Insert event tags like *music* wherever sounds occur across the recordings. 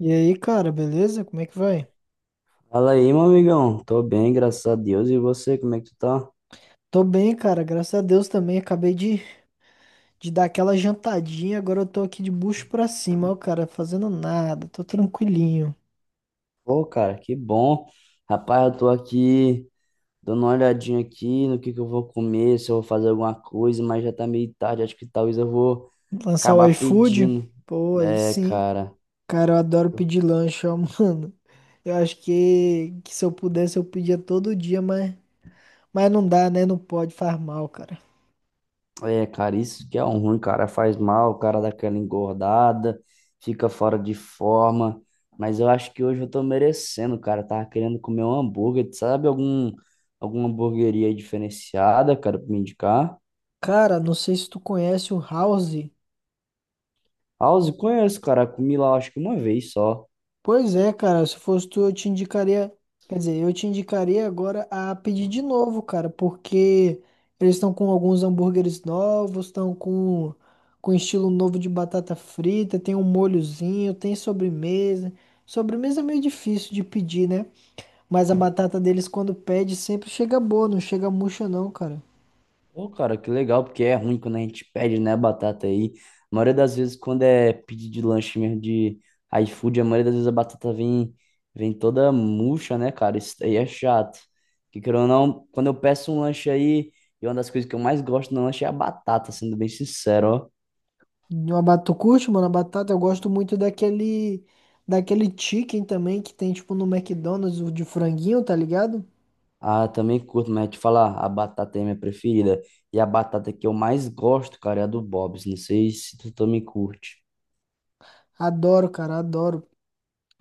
E aí, cara, beleza? Como é que vai? Fala aí, meu amigão. Tô bem, graças a Deus. E você, como é que tu tá? Tô bem, cara, graças a Deus também. Acabei de dar aquela jantadinha, agora eu tô aqui de bucho pra cima, ó, cara, fazendo nada, tô tranquilinho. Pô, cara, que bom. Rapaz, eu tô aqui dando uma olhadinha aqui no que eu vou comer, se eu vou fazer alguma coisa, mas já tá meio tarde. Acho que talvez eu vou Lançar o acabar iFood? pedindo. Pô, aí É, sim. cara. Cara, eu adoro pedir lanche, ó, *laughs* mano. Eu acho que se eu pudesse eu pedia todo dia, mas não dá, né? Não pode, faz mal, cara. É, cara, isso que é um ruim, cara. Faz mal, o cara dá aquela engordada, fica fora de forma. Mas eu acho que hoje eu tô merecendo, cara. Eu Tava querendo comer um hambúrguer. Tu Sabe algum, alguma hamburgueria diferenciada, cara, pra me indicar? Cara, não sei se tu conhece o House. House, conheço, cara. Comi lá, acho que uma vez só. Pois é, cara, se fosse tu, eu te indicaria, quer dizer, eu te indicaria agora a pedir de novo, cara, porque eles estão com alguns hambúrgueres novos, estão com estilo novo de batata frita, tem um molhozinho, tem sobremesa. Sobremesa é meio difícil de pedir, né? Mas a batata deles quando pede sempre chega boa, não chega murcha não, cara. Pô, cara, que legal, porque é ruim quando a gente pede, né, batata aí. A maioria das vezes, quando é pedido de lanche mesmo de iFood, a maioria das vezes a batata vem, toda murcha, né, cara? Isso aí é chato. Que querendo ou não, quando eu peço um lanche aí, e uma das coisas que eu mais gosto no lanche é a batata, sendo bem sincero, ó. E uma batata, tu curte, mano, a batata, eu gosto muito daquele chicken também que tem tipo no McDonald's, o de franguinho, tá ligado? Ah, também curto, mas te falar, a batata é minha preferida. E a batata que eu mais gosto, cara, é a do Bob's. Não sei se tu também curte. Adoro, cara, adoro.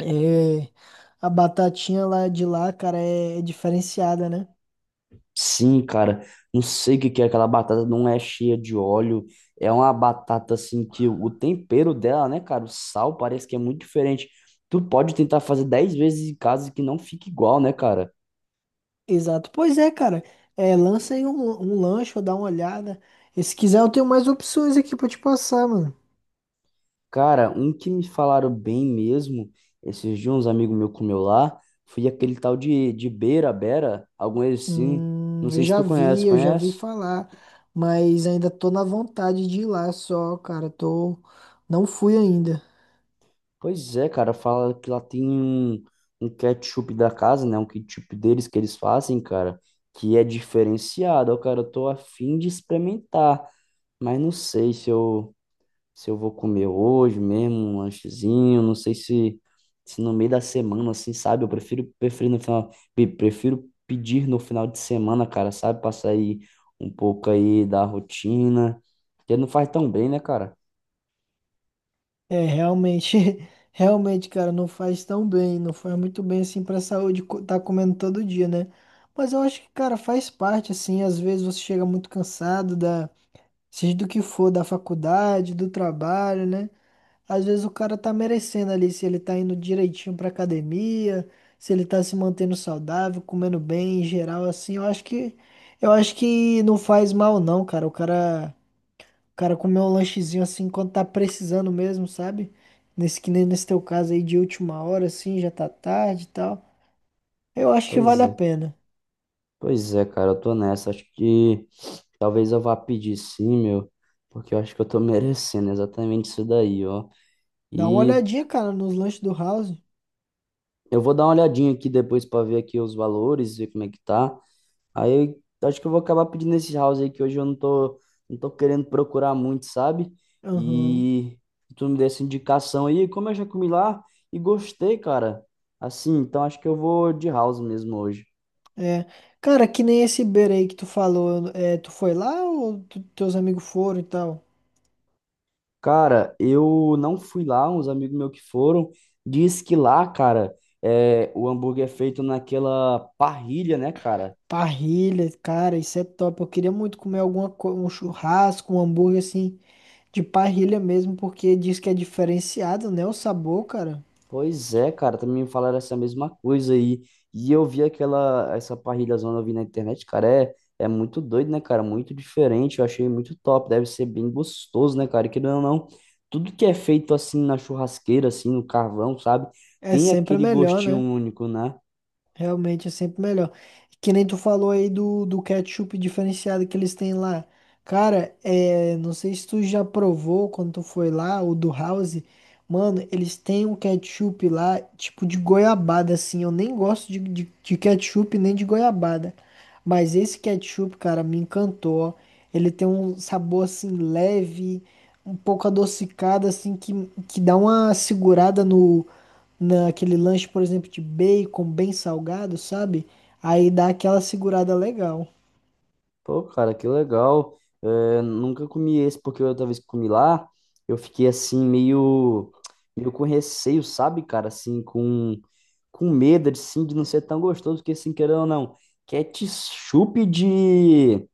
É, a batatinha lá de lá, cara, é diferenciada, né? Sim, cara, não sei o que que é aquela batata, não é cheia de óleo, é uma batata assim que o tempero dela, né, cara, o sal parece que é muito diferente. Tu pode tentar fazer 10 vezes em casa que não fica igual, né, cara? Exato. Pois é, cara. É, lança aí um lanche ou dá uma olhada. E se quiser, eu tenho mais opções aqui pra te passar, mano. Cara, um que me falaram bem mesmo, esses dias uns amigos meus comeu lá, foi aquele tal de, beira-bera, algum assim, não eu sei se já tu vi, conhece, eu já vi conhece? falar, mas ainda tô na vontade de ir lá só, cara. Tô, não fui ainda. Pois é, cara, fala que lá tem um, ketchup da casa, né? Um ketchup deles que eles fazem, cara, que é diferenciado. Ó, cara, eu tô a fim de experimentar, mas não sei se eu, vou comer hoje mesmo, um lanchezinho, não sei se, no meio da semana, assim, sabe? Eu prefiro no final, prefiro pedir no final de semana, cara, sabe? Pra sair um pouco aí da rotina, porque não faz tão bem, né, cara? É, realmente, *laughs* realmente, cara, não faz tão bem, não faz muito bem assim pra saúde co- tá comendo todo dia, né? Mas eu acho que, cara, faz parte, assim, às vezes você chega muito cansado seja do que for, da faculdade, do trabalho, né? Às vezes o cara tá merecendo ali, se ele tá indo direitinho pra academia, se ele tá se mantendo saudável, comendo bem em geral, assim, eu acho que não faz mal não, cara, o cara. Cara, comer um lanchezinho assim quando tá precisando mesmo, sabe? Nesse que nem nesse teu caso aí de última hora, assim, já tá tarde e tal. Eu acho que vale Pois a é. pena. Pois é, cara, eu tô nessa. Acho que *sniffs* talvez eu vá pedir sim, meu, porque eu acho que eu tô *laughs* merecendo exatamente isso daí, ó. Dá uma E olhadinha, cara, nos lanches do House. eu vou dar uma olhadinha aqui depois pra ver aqui os valores, ver como é que tá. Aí eu acho que eu vou acabar pedindo esse house aí que hoje eu não tô, não tô querendo procurar muito, sabe? Aham. E tu me deu essa indicação aí, como eu já comi lá e gostei, cara. Assim, então acho que eu vou de house mesmo hoje. É. Cara, que nem esse Iberê aí que tu falou. É, tu foi lá ou tu- teus amigos foram e tal? Cara, eu não fui lá, uns amigos meus que foram, diz que lá, cara, é, o hambúrguer é feito naquela parrilha, né, cara? Parrilha, cara, isso é top. Eu queria muito comer alguma co- um churrasco, um hambúrguer assim, de parrilha mesmo, porque diz que é diferenciado, né? O sabor, cara, Pois é, cara, também me falaram essa mesma coisa aí. E eu vi aquela, essa parrilha zona eu vi na internet, cara, é, muito doido, né, cara? Muito diferente, eu achei muito top, deve ser bem gostoso, né, cara? E querendo ou não, tudo que é feito assim na churrasqueira, assim, no carvão, sabe? é Tem sempre aquele melhor, gostinho né? único, né? Realmente é sempre melhor. Que nem tu falou aí do ketchup diferenciado que eles têm lá. Cara, é, não sei se tu já provou quando tu foi lá, o do House. Mano, eles têm um ketchup lá, tipo de goiabada, assim. Eu nem gosto de ketchup nem de goiabada. Mas esse ketchup, cara, me encantou, ó. Ele tem um sabor, assim, leve, um pouco adocicado, assim, que dá uma segurada no naquele lanche, por exemplo, de bacon bem salgado, sabe? Aí dá aquela segurada legal. Pô, cara, que legal. É, nunca comi esse, porque outra vez que comi lá, eu fiquei assim, meio, meio com receio, sabe, cara? Assim, com, medo assim, de não ser tão gostoso, porque assim, querendo ou não, ketchup de.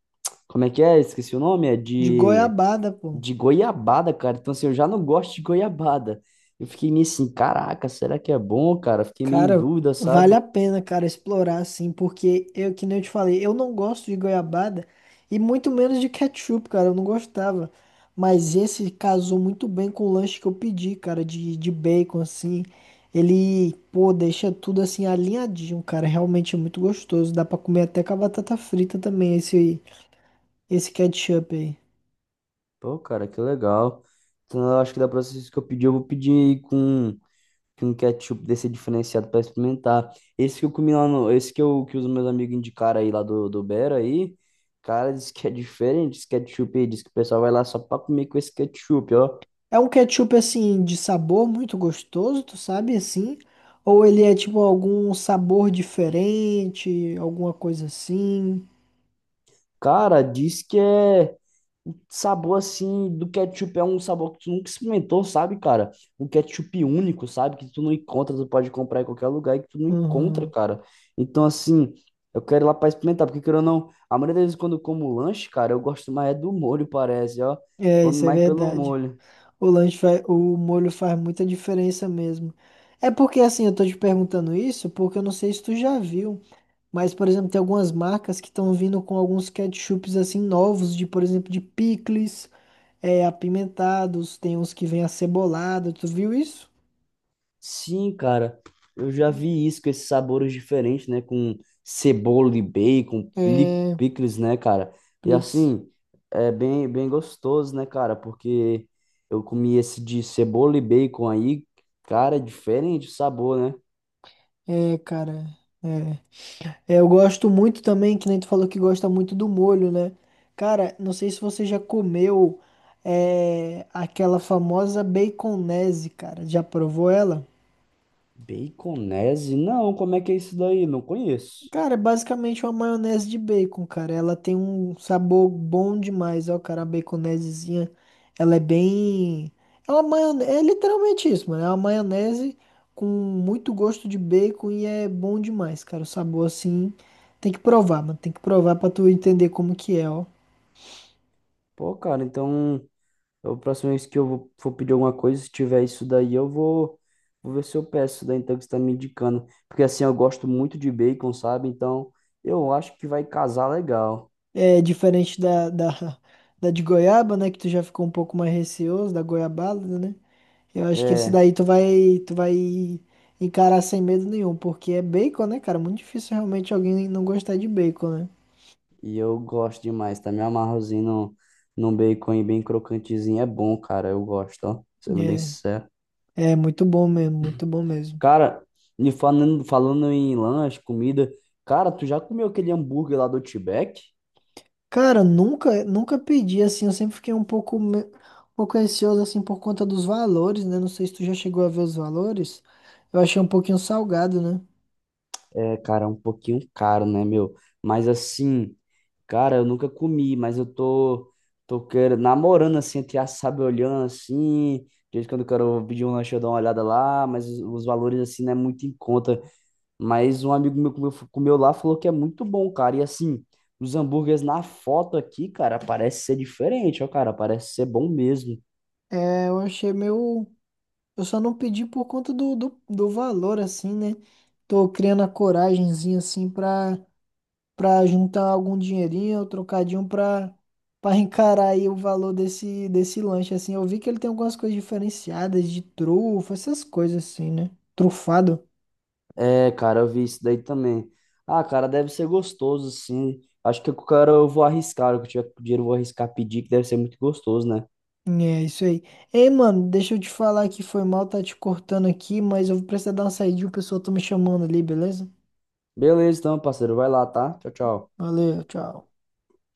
Como é que é? Esqueci o nome, é De de, goiabada, pô. Goiabada, cara. Então, assim, eu já não gosto de goiabada. Eu fiquei meio assim, caraca, será que é bom, cara? Fiquei meio em Cara, dúvida, vale sabe? a pena, cara, explorar assim, porque eu, que nem eu te falei, eu não gosto de goiabada e muito menos de ketchup, cara, eu não gostava. Mas esse casou muito bem com o lanche que eu pedi, cara, de bacon, assim. Ele, pô, deixa tudo assim alinhadinho, cara. Realmente é muito gostoso. Dá pra comer até com a batata frita também, esse ketchup aí. Pô, cara, que legal. Então, eu acho que da próxima vez que eu pedir, eu vou pedir com que com ketchup desse diferenciado para experimentar. Esse que eu comi lá no, esse que eu que os meus amigos indicaram aí lá do Bera aí, cara, diz que é diferente esse ketchup aí, diz que o pessoal vai lá só para comer com esse ketchup, ó. É um ketchup assim de sabor muito gostoso, tu sabe assim? Ou ele é tipo algum sabor diferente, alguma coisa assim? Cara, diz que é o sabor assim do ketchup é um sabor que tu nunca experimentou, sabe, cara? Um ketchup único, sabe? Que tu não encontra, tu pode comprar em qualquer lugar e que tu não encontra, Uhum. cara. Então, assim, eu quero ir lá pra experimentar, porque querendo ou não, a maioria das vezes quando eu como lanche, cara, eu gosto mais é do molho, parece, ó. É, Come isso é mais pelo verdade. molho. O lanche faz, o molho faz muita diferença mesmo. É porque assim, eu tô te perguntando isso porque eu não sei se tu já viu, mas por exemplo, tem algumas marcas que estão vindo com alguns ketchups assim novos, de por exemplo, de picles, é, apimentados, tem uns que vêm acebolado, tu viu isso? Sim, cara, eu já vi isso com esses sabores diferentes, né? Com cebola e bacon, É, picles, né, cara? E Plix. assim, é bem, bem gostoso, né, cara? Porque eu comi esse de cebola e bacon aí, cara, é diferente o sabor, né? É, cara, é. É, eu gosto muito também, que nem tu falou que gosta muito do molho, né? Cara, não sei se você já comeu aquela famosa baconese, cara. Já provou ela? Baconese? Não, como é que é isso daí? Não conheço. Cara, é basicamente uma maionese de bacon, cara. Ela tem um sabor bom demais, ó, cara. A baconesezinha, ela é bem. Ela é uma maionese, é literalmente isso, mano. É uma maionese com muito gosto de bacon e é bom demais, cara. O sabor assim, tem que provar, mano. Tem que provar pra tu entender como que é, ó. Pô, cara, então. É A próxima vez que eu for pedir alguma coisa, se tiver isso daí, eu vou, ver se eu peço isso daí, então, que você tá me indicando. Porque assim, eu gosto muito de bacon, sabe? Então, eu acho que vai casar legal. É diferente *laughs* da de goiaba, né? Que tu já ficou um pouco mais receoso, da goiabada, né? Eu acho que esse É, daí tu vai encarar sem medo nenhum, porque é bacon, né, cara? Muito difícil realmente alguém não gostar de bacon, e eu gosto demais, tá? Me amarrozinho no, num bacon aí bem crocantezinho. É bom, cara, eu gosto, ó. Sendo bem né? sincero. É, é muito bom mesmo, muito bom mesmo. Cara, me falando, falando em lanche, comida, cara, tu já comeu aquele hambúrguer lá do Outback? Cara, nunca pedi assim, eu sempre fiquei um pouco, me- um pouco ansioso assim por conta dos valores, né? Não sei se tu já chegou a ver os valores. Eu achei um pouquinho salgado, né? É, cara, é um pouquinho caro, né, meu? Mas assim. Cara, eu nunca comi, mas eu tô, querendo, namorando assim, até sabe, olhando assim. De vez em quando eu quero pedir um lanche, eu dou uma olhada lá, mas os, valores assim não é muito em conta. Mas um amigo meu comeu, lá falou que é muito bom, cara. E assim, os hambúrgueres na foto aqui, cara, parece ser diferente, ó, cara, parece ser bom mesmo. É, eu achei meio. Eu só não pedi por conta do valor, assim, né? Tô criando a coragemzinha, assim, pra pra juntar algum dinheirinho, pra encarar aí o valor desse lanche assim. Eu vi que ele tem algumas coisas diferenciadas de trufa, essas coisas assim, né? Trufado. É, cara, eu vi isso daí também. Ah, cara, deve ser gostoso, sim. Acho que o cara eu vou arriscar, o que eu tiver com dinheiro eu vou arriscar pedir, que deve ser muito gostoso, né? É isso aí. Ei, mano, deixa eu te falar que foi mal tá te cortando aqui, mas eu vou precisar dar uma saidinha, o pessoal tá me chamando ali, beleza? Beleza, então, parceiro. Vai lá, tá? Tchau, tchau. Valeu, tchau.